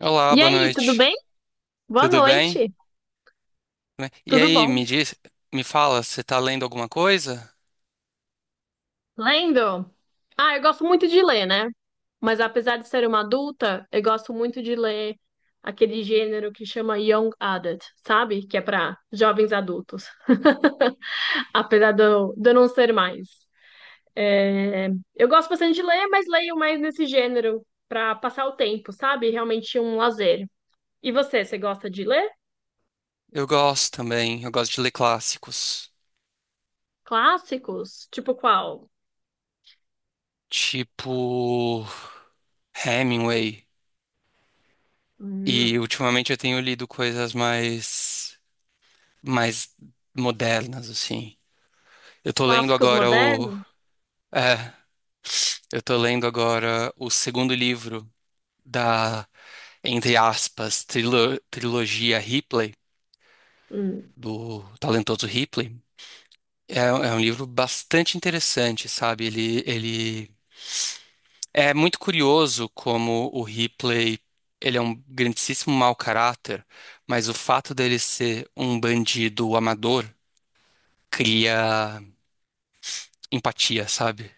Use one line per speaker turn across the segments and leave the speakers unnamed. Olá,
E
boa
aí, tudo
noite.
bem? Boa
Tudo bem?
noite.
Tudo bem? E
Tudo
aí,
bom?
me diz, me fala, você tá lendo alguma coisa?
Lendo? Ah, eu gosto muito de ler, né? Mas apesar de ser uma adulta, eu gosto muito de ler aquele gênero que chama Young Adult, sabe? Que é para jovens adultos. Apesar de eu não ser mais. É, Eu gosto bastante de ler, mas leio mais nesse gênero para passar o tempo, sabe? Realmente um lazer. E você gosta de ler?
Eu gosto também, eu gosto de ler clássicos,
Clássicos? Tipo qual?
tipo Hemingway. E
Hum.
ultimamente eu tenho lido coisas mais modernas, assim. Eu tô lendo
Clássicos
agora o,
modernos?
é, eu tô lendo agora o segundo livro da, entre aspas, trilogia Ripley,
Hum.
do talentoso Ripley. É, é um livro bastante interessante, sabe? Ele é muito curioso como o Ripley, ele é um grandíssimo mau caráter, mas o fato dele ser um bandido amador cria empatia, sabe?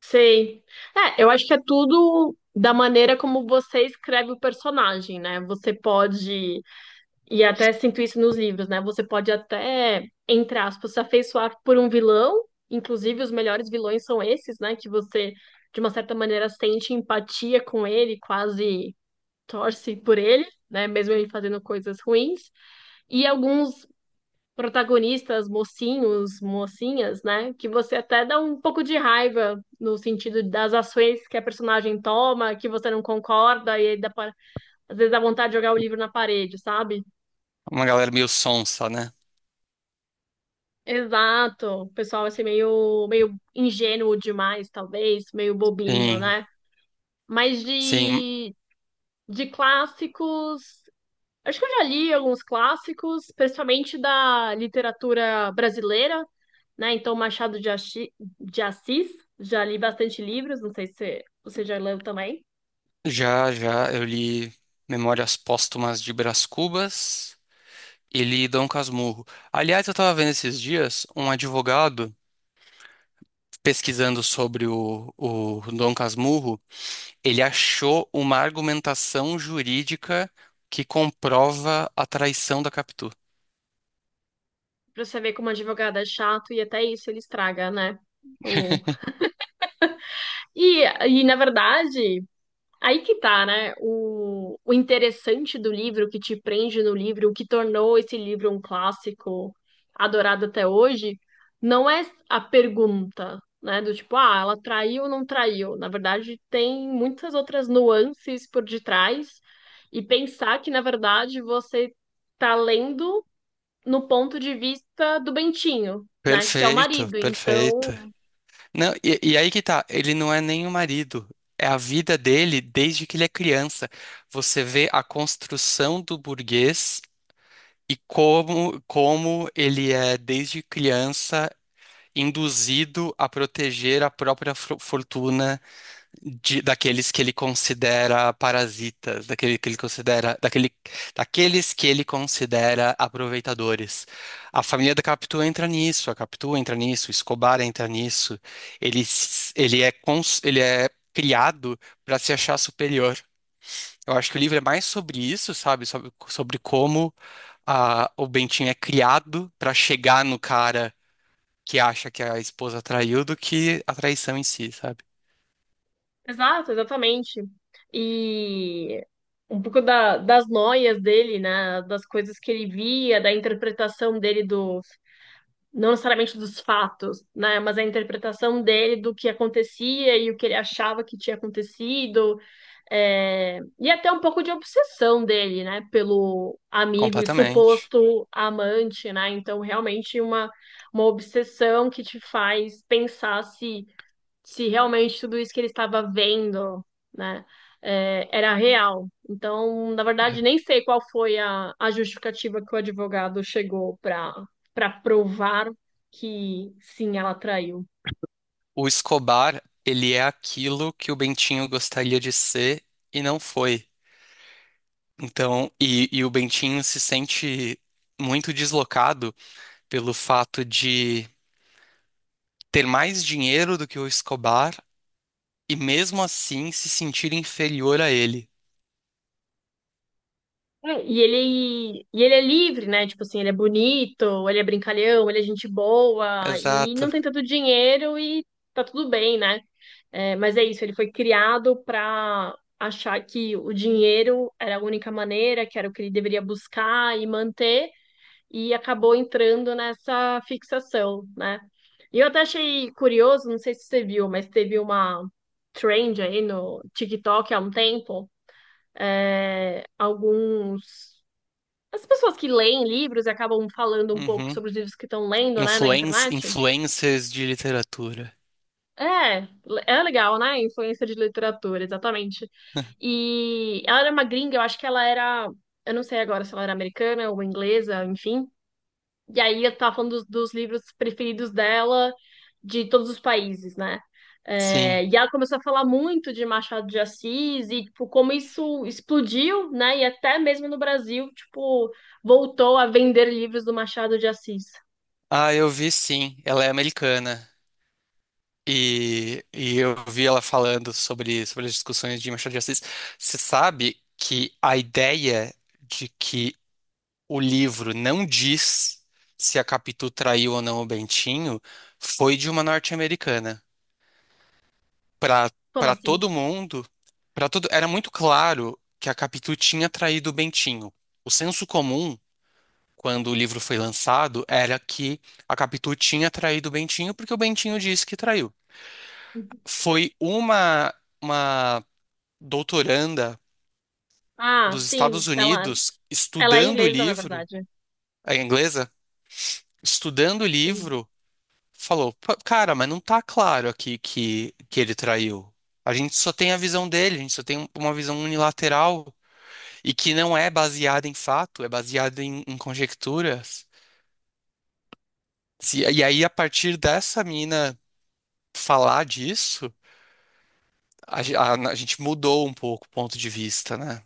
Sei. É, eu acho que é tudo da maneira como você escreve o personagem, né? Você pode, e até sinto isso nos livros, né? Você pode até, entre aspas, se afeiçoar por um vilão, inclusive os melhores vilões são esses, né? Que você, de uma certa maneira, sente empatia com ele, quase torce por ele, né? Mesmo ele fazendo coisas ruins. E alguns protagonistas, mocinhos, mocinhas, né? Que você até dá um pouco de raiva no sentido das ações que a personagem toma, que você não concorda, e aí às vezes dá vontade de jogar o livro na parede, sabe?
Uma galera meio sonsa, né?
Exato. O pessoal vai meio ingênuo demais, talvez, meio bobinho,
Sim,
né? Mas
sim.
de clássicos. Acho que eu já li alguns clássicos, principalmente da literatura brasileira, né? Então, de Assis, já li bastante livros, não sei se você já leu também.
Já, já eu li Memórias Póstumas de Brás Cubas e li Dom Casmurro. Aliás, eu tava vendo esses dias um advogado pesquisando sobre o Dom Casmurro, ele achou uma argumentação jurídica que comprova a traição da Capitu.
Pra você ver como advogado é chato e até isso ele estraga, né? O... na verdade, aí que tá, né? O interessante do livro, o que te prende no livro, o que tornou esse livro um clássico adorado até hoje, não é a pergunta, né? Do tipo, ah, ela traiu ou não traiu? Na verdade, tem muitas outras nuances por detrás. E pensar que, na verdade, você tá lendo no ponto de vista do Bentinho, né? Que é o
Perfeito,
marido. Então.
perfeito. Não, e aí que tá, ele não é nem o marido, é a vida dele desde que ele é criança. Você vê a construção do burguês e como, como ele é, desde criança, induzido a proteger a própria fortuna daqueles que ele considera parasitas, daquele que ele considera, daquele, daqueles que ele considera aproveitadores. A família da Capitu entra nisso, a Capitu entra nisso, o Escobar entra nisso. Ele, s- ele é, cons- ele é criado para se achar superior. Eu acho que o livro é mais sobre isso, sabe? Sobre, sobre como o Bentinho é criado para chegar no cara que acha que a esposa traiu do que a traição em si, sabe?
Exato, exatamente. E um pouco das noias dele, né? Das coisas que ele via, da interpretação dele dos, não necessariamente dos fatos, né? Mas a interpretação dele do que acontecia e o que ele achava que tinha acontecido. E até um pouco de obsessão dele, né? Pelo amigo e
Completamente.
suposto amante, né? Então, realmente uma obsessão que te faz pensar se realmente tudo isso que ele estava vendo, né, era real. Então, na verdade, nem sei qual foi a justificativa que o advogado chegou para provar que sim, ela traiu.
O Escobar, ele é aquilo que o Bentinho gostaria de ser e não foi. Então, e o Bentinho se sente muito deslocado pelo fato de ter mais dinheiro do que o Escobar e mesmo assim se sentir inferior a ele.
É, E ele é livre, né? Tipo assim, ele é bonito, ele é brincalhão, ele é gente boa e
Exato.
não tem tanto dinheiro e tá tudo bem, né? É, mas é isso, ele foi criado para achar que o dinheiro era a única maneira, que era o que ele deveria buscar e manter, e acabou entrando nessa fixação, né? E eu até achei curioso, não sei se você viu, mas teve uma trend aí no TikTok há um tempo, é, alguns. As pessoas que leem livros e acabam falando um pouco
Uhum.
sobre os livros que estão lendo, né, na internet.
Influencers de literatura.
É, é legal, né? Influência de literatura, exatamente. E ela era uma gringa, eu acho que ela era, eu não sei agora se ela era americana ou inglesa, enfim. E aí eu tava falando dos livros preferidos dela de todos os países, né? É,
Sim.
e ela começou a falar muito de Machado de Assis e tipo, como isso explodiu, né? E até mesmo no Brasil, tipo, voltou a vender livros do Machado de Assis.
Ah, eu vi sim. Ela é americana. E eu vi ela falando sobre, sobre as discussões de Machado de Assis. Você sabe que a ideia de que o livro não diz se a Capitu traiu ou não o Bentinho foi de uma norte-americana. Para
Como
para
assim?
todo mundo, para todo, era muito claro que a Capitu tinha traído o Bentinho. O senso comum, quando o livro foi lançado, era que a Capitu tinha traído o Bentinho porque o Bentinho disse que traiu. Foi uma doutoranda
Ah,
dos
sim,
Estados
ela,
Unidos
ela é
estudando o
inglesa, na
livro,
verdade.
a inglesa, estudando o
Tem-
livro, falou: "Pô, cara, mas não tá claro aqui que ele traiu. A gente só tem a visão dele, a gente só tem uma visão unilateral e que não é baseada em fato, é baseada em conjecturas. E aí, a partir dessa mina falar disso, a gente mudou um pouco o ponto de vista, né?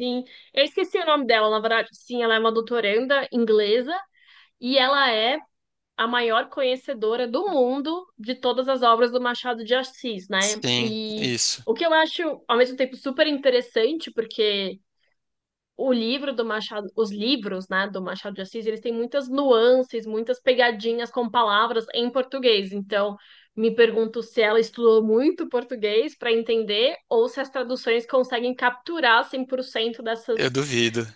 Sim, eu esqueci o nome dela, na verdade. Sim, ela é uma doutoranda inglesa e ela é a maior conhecedora do mundo de todas as obras do Machado de Assis, né?
Sim,
E
isso.
o que eu acho, ao mesmo tempo, super interessante, porque o livro do Machado, os livros, né, do Machado de Assis, eles têm muitas nuances, muitas pegadinhas com palavras em português. Então, me pergunto se ela estudou muito português para entender ou se as traduções conseguem capturar 100% dessas.
Eu duvido.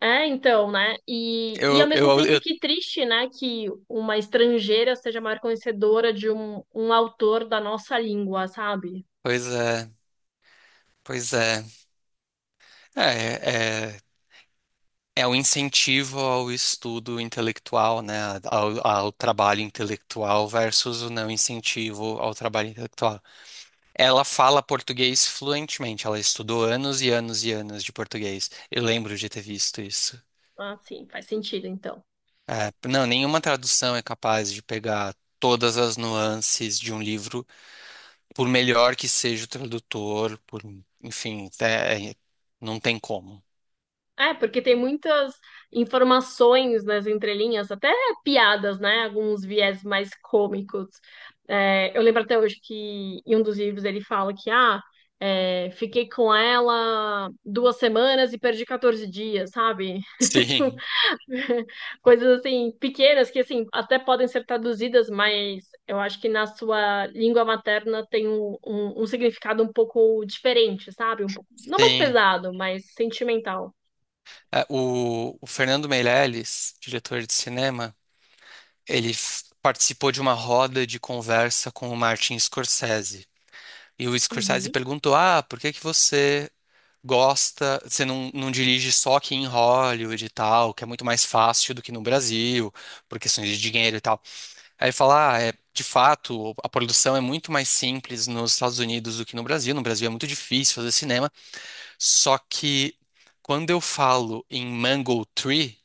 É, então, né? E ao
Eu,
mesmo
eu,
tempo
eu,
que triste, né, que uma estrangeira seja maior conhecedora de um autor da nossa língua, sabe?
pois é, pois é. É, é, é um incentivo ao estudo intelectual, né? Ao trabalho intelectual versus o não incentivo ao trabalho intelectual. Ela fala português fluentemente, ela estudou anos e anos e anos de português. Eu lembro de ter visto isso.
Ah, sim, faz sentido, então.
É, não, nenhuma tradução é capaz de pegar todas as nuances de um livro por melhor que seja o tradutor, por, enfim, não tem como.
É, porque tem muitas informações nas entrelinhas, até piadas, né? Alguns viés mais cômicos. É, eu lembro até hoje que em um dos livros ele fala que, ah, fiquei com ela 2 semanas e perdi 14 dias, sabe?
Sim,
Coisas assim, pequenas que assim, até podem ser traduzidas, mas eu acho que na sua língua materna tem um significado um pouco diferente, sabe? Um pouco, não mais
sim.
pesado, mas sentimental.
É, o Fernando Meirelles, diretor de cinema, ele participou de uma roda de conversa com o Martin Scorsese. E o Scorsese
Uhum.
perguntou: Ah, por que que você gosta, você não, não dirige só aqui em Hollywood e tal, que é muito mais fácil do que no Brasil, por questões de dinheiro e tal. Aí falar, ah, é, de fato, a produção é muito mais simples nos Estados Unidos do que no Brasil. No Brasil é muito difícil fazer cinema. Só que quando eu falo em mango tree,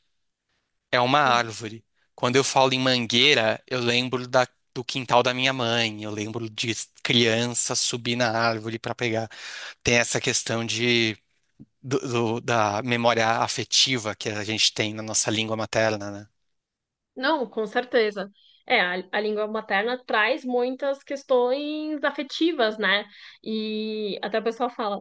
é uma
Uhum.
árvore. Quando eu falo em mangueira, eu lembro do quintal da minha mãe. Eu lembro de criança subir na árvore para pegar. Tem essa questão de, da memória afetiva que a gente tem na nossa língua materna, né?
Não, com certeza. É, a língua materna traz muitas questões afetivas, né? E até o pessoal fala,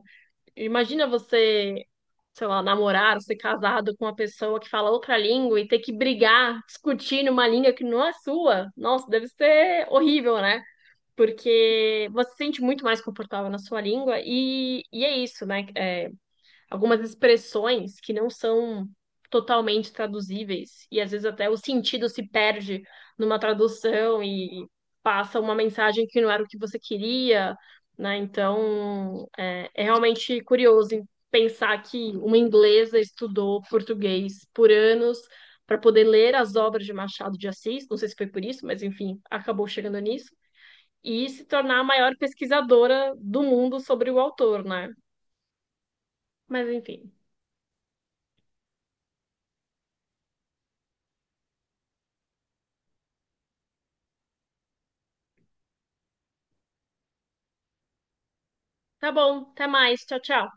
imagina você sei lá, namorar, ou ser casado com uma pessoa que fala outra língua e ter que brigar, discutir numa língua que não é sua, nossa, deve ser horrível, né? Porque você se sente muito mais confortável na sua língua e é isso, né? É, algumas expressões que não são totalmente traduzíveis, e às vezes até o sentido se perde numa tradução e passa uma mensagem que não era o que você queria, né? Então, é realmente curioso pensar que uma inglesa estudou português por anos para poder ler as obras de Machado de Assis, não sei se foi por isso, mas enfim, acabou chegando nisso, e se tornar a maior pesquisadora do mundo sobre o autor, né? Mas enfim. Tá bom, até mais. Tchau, tchau.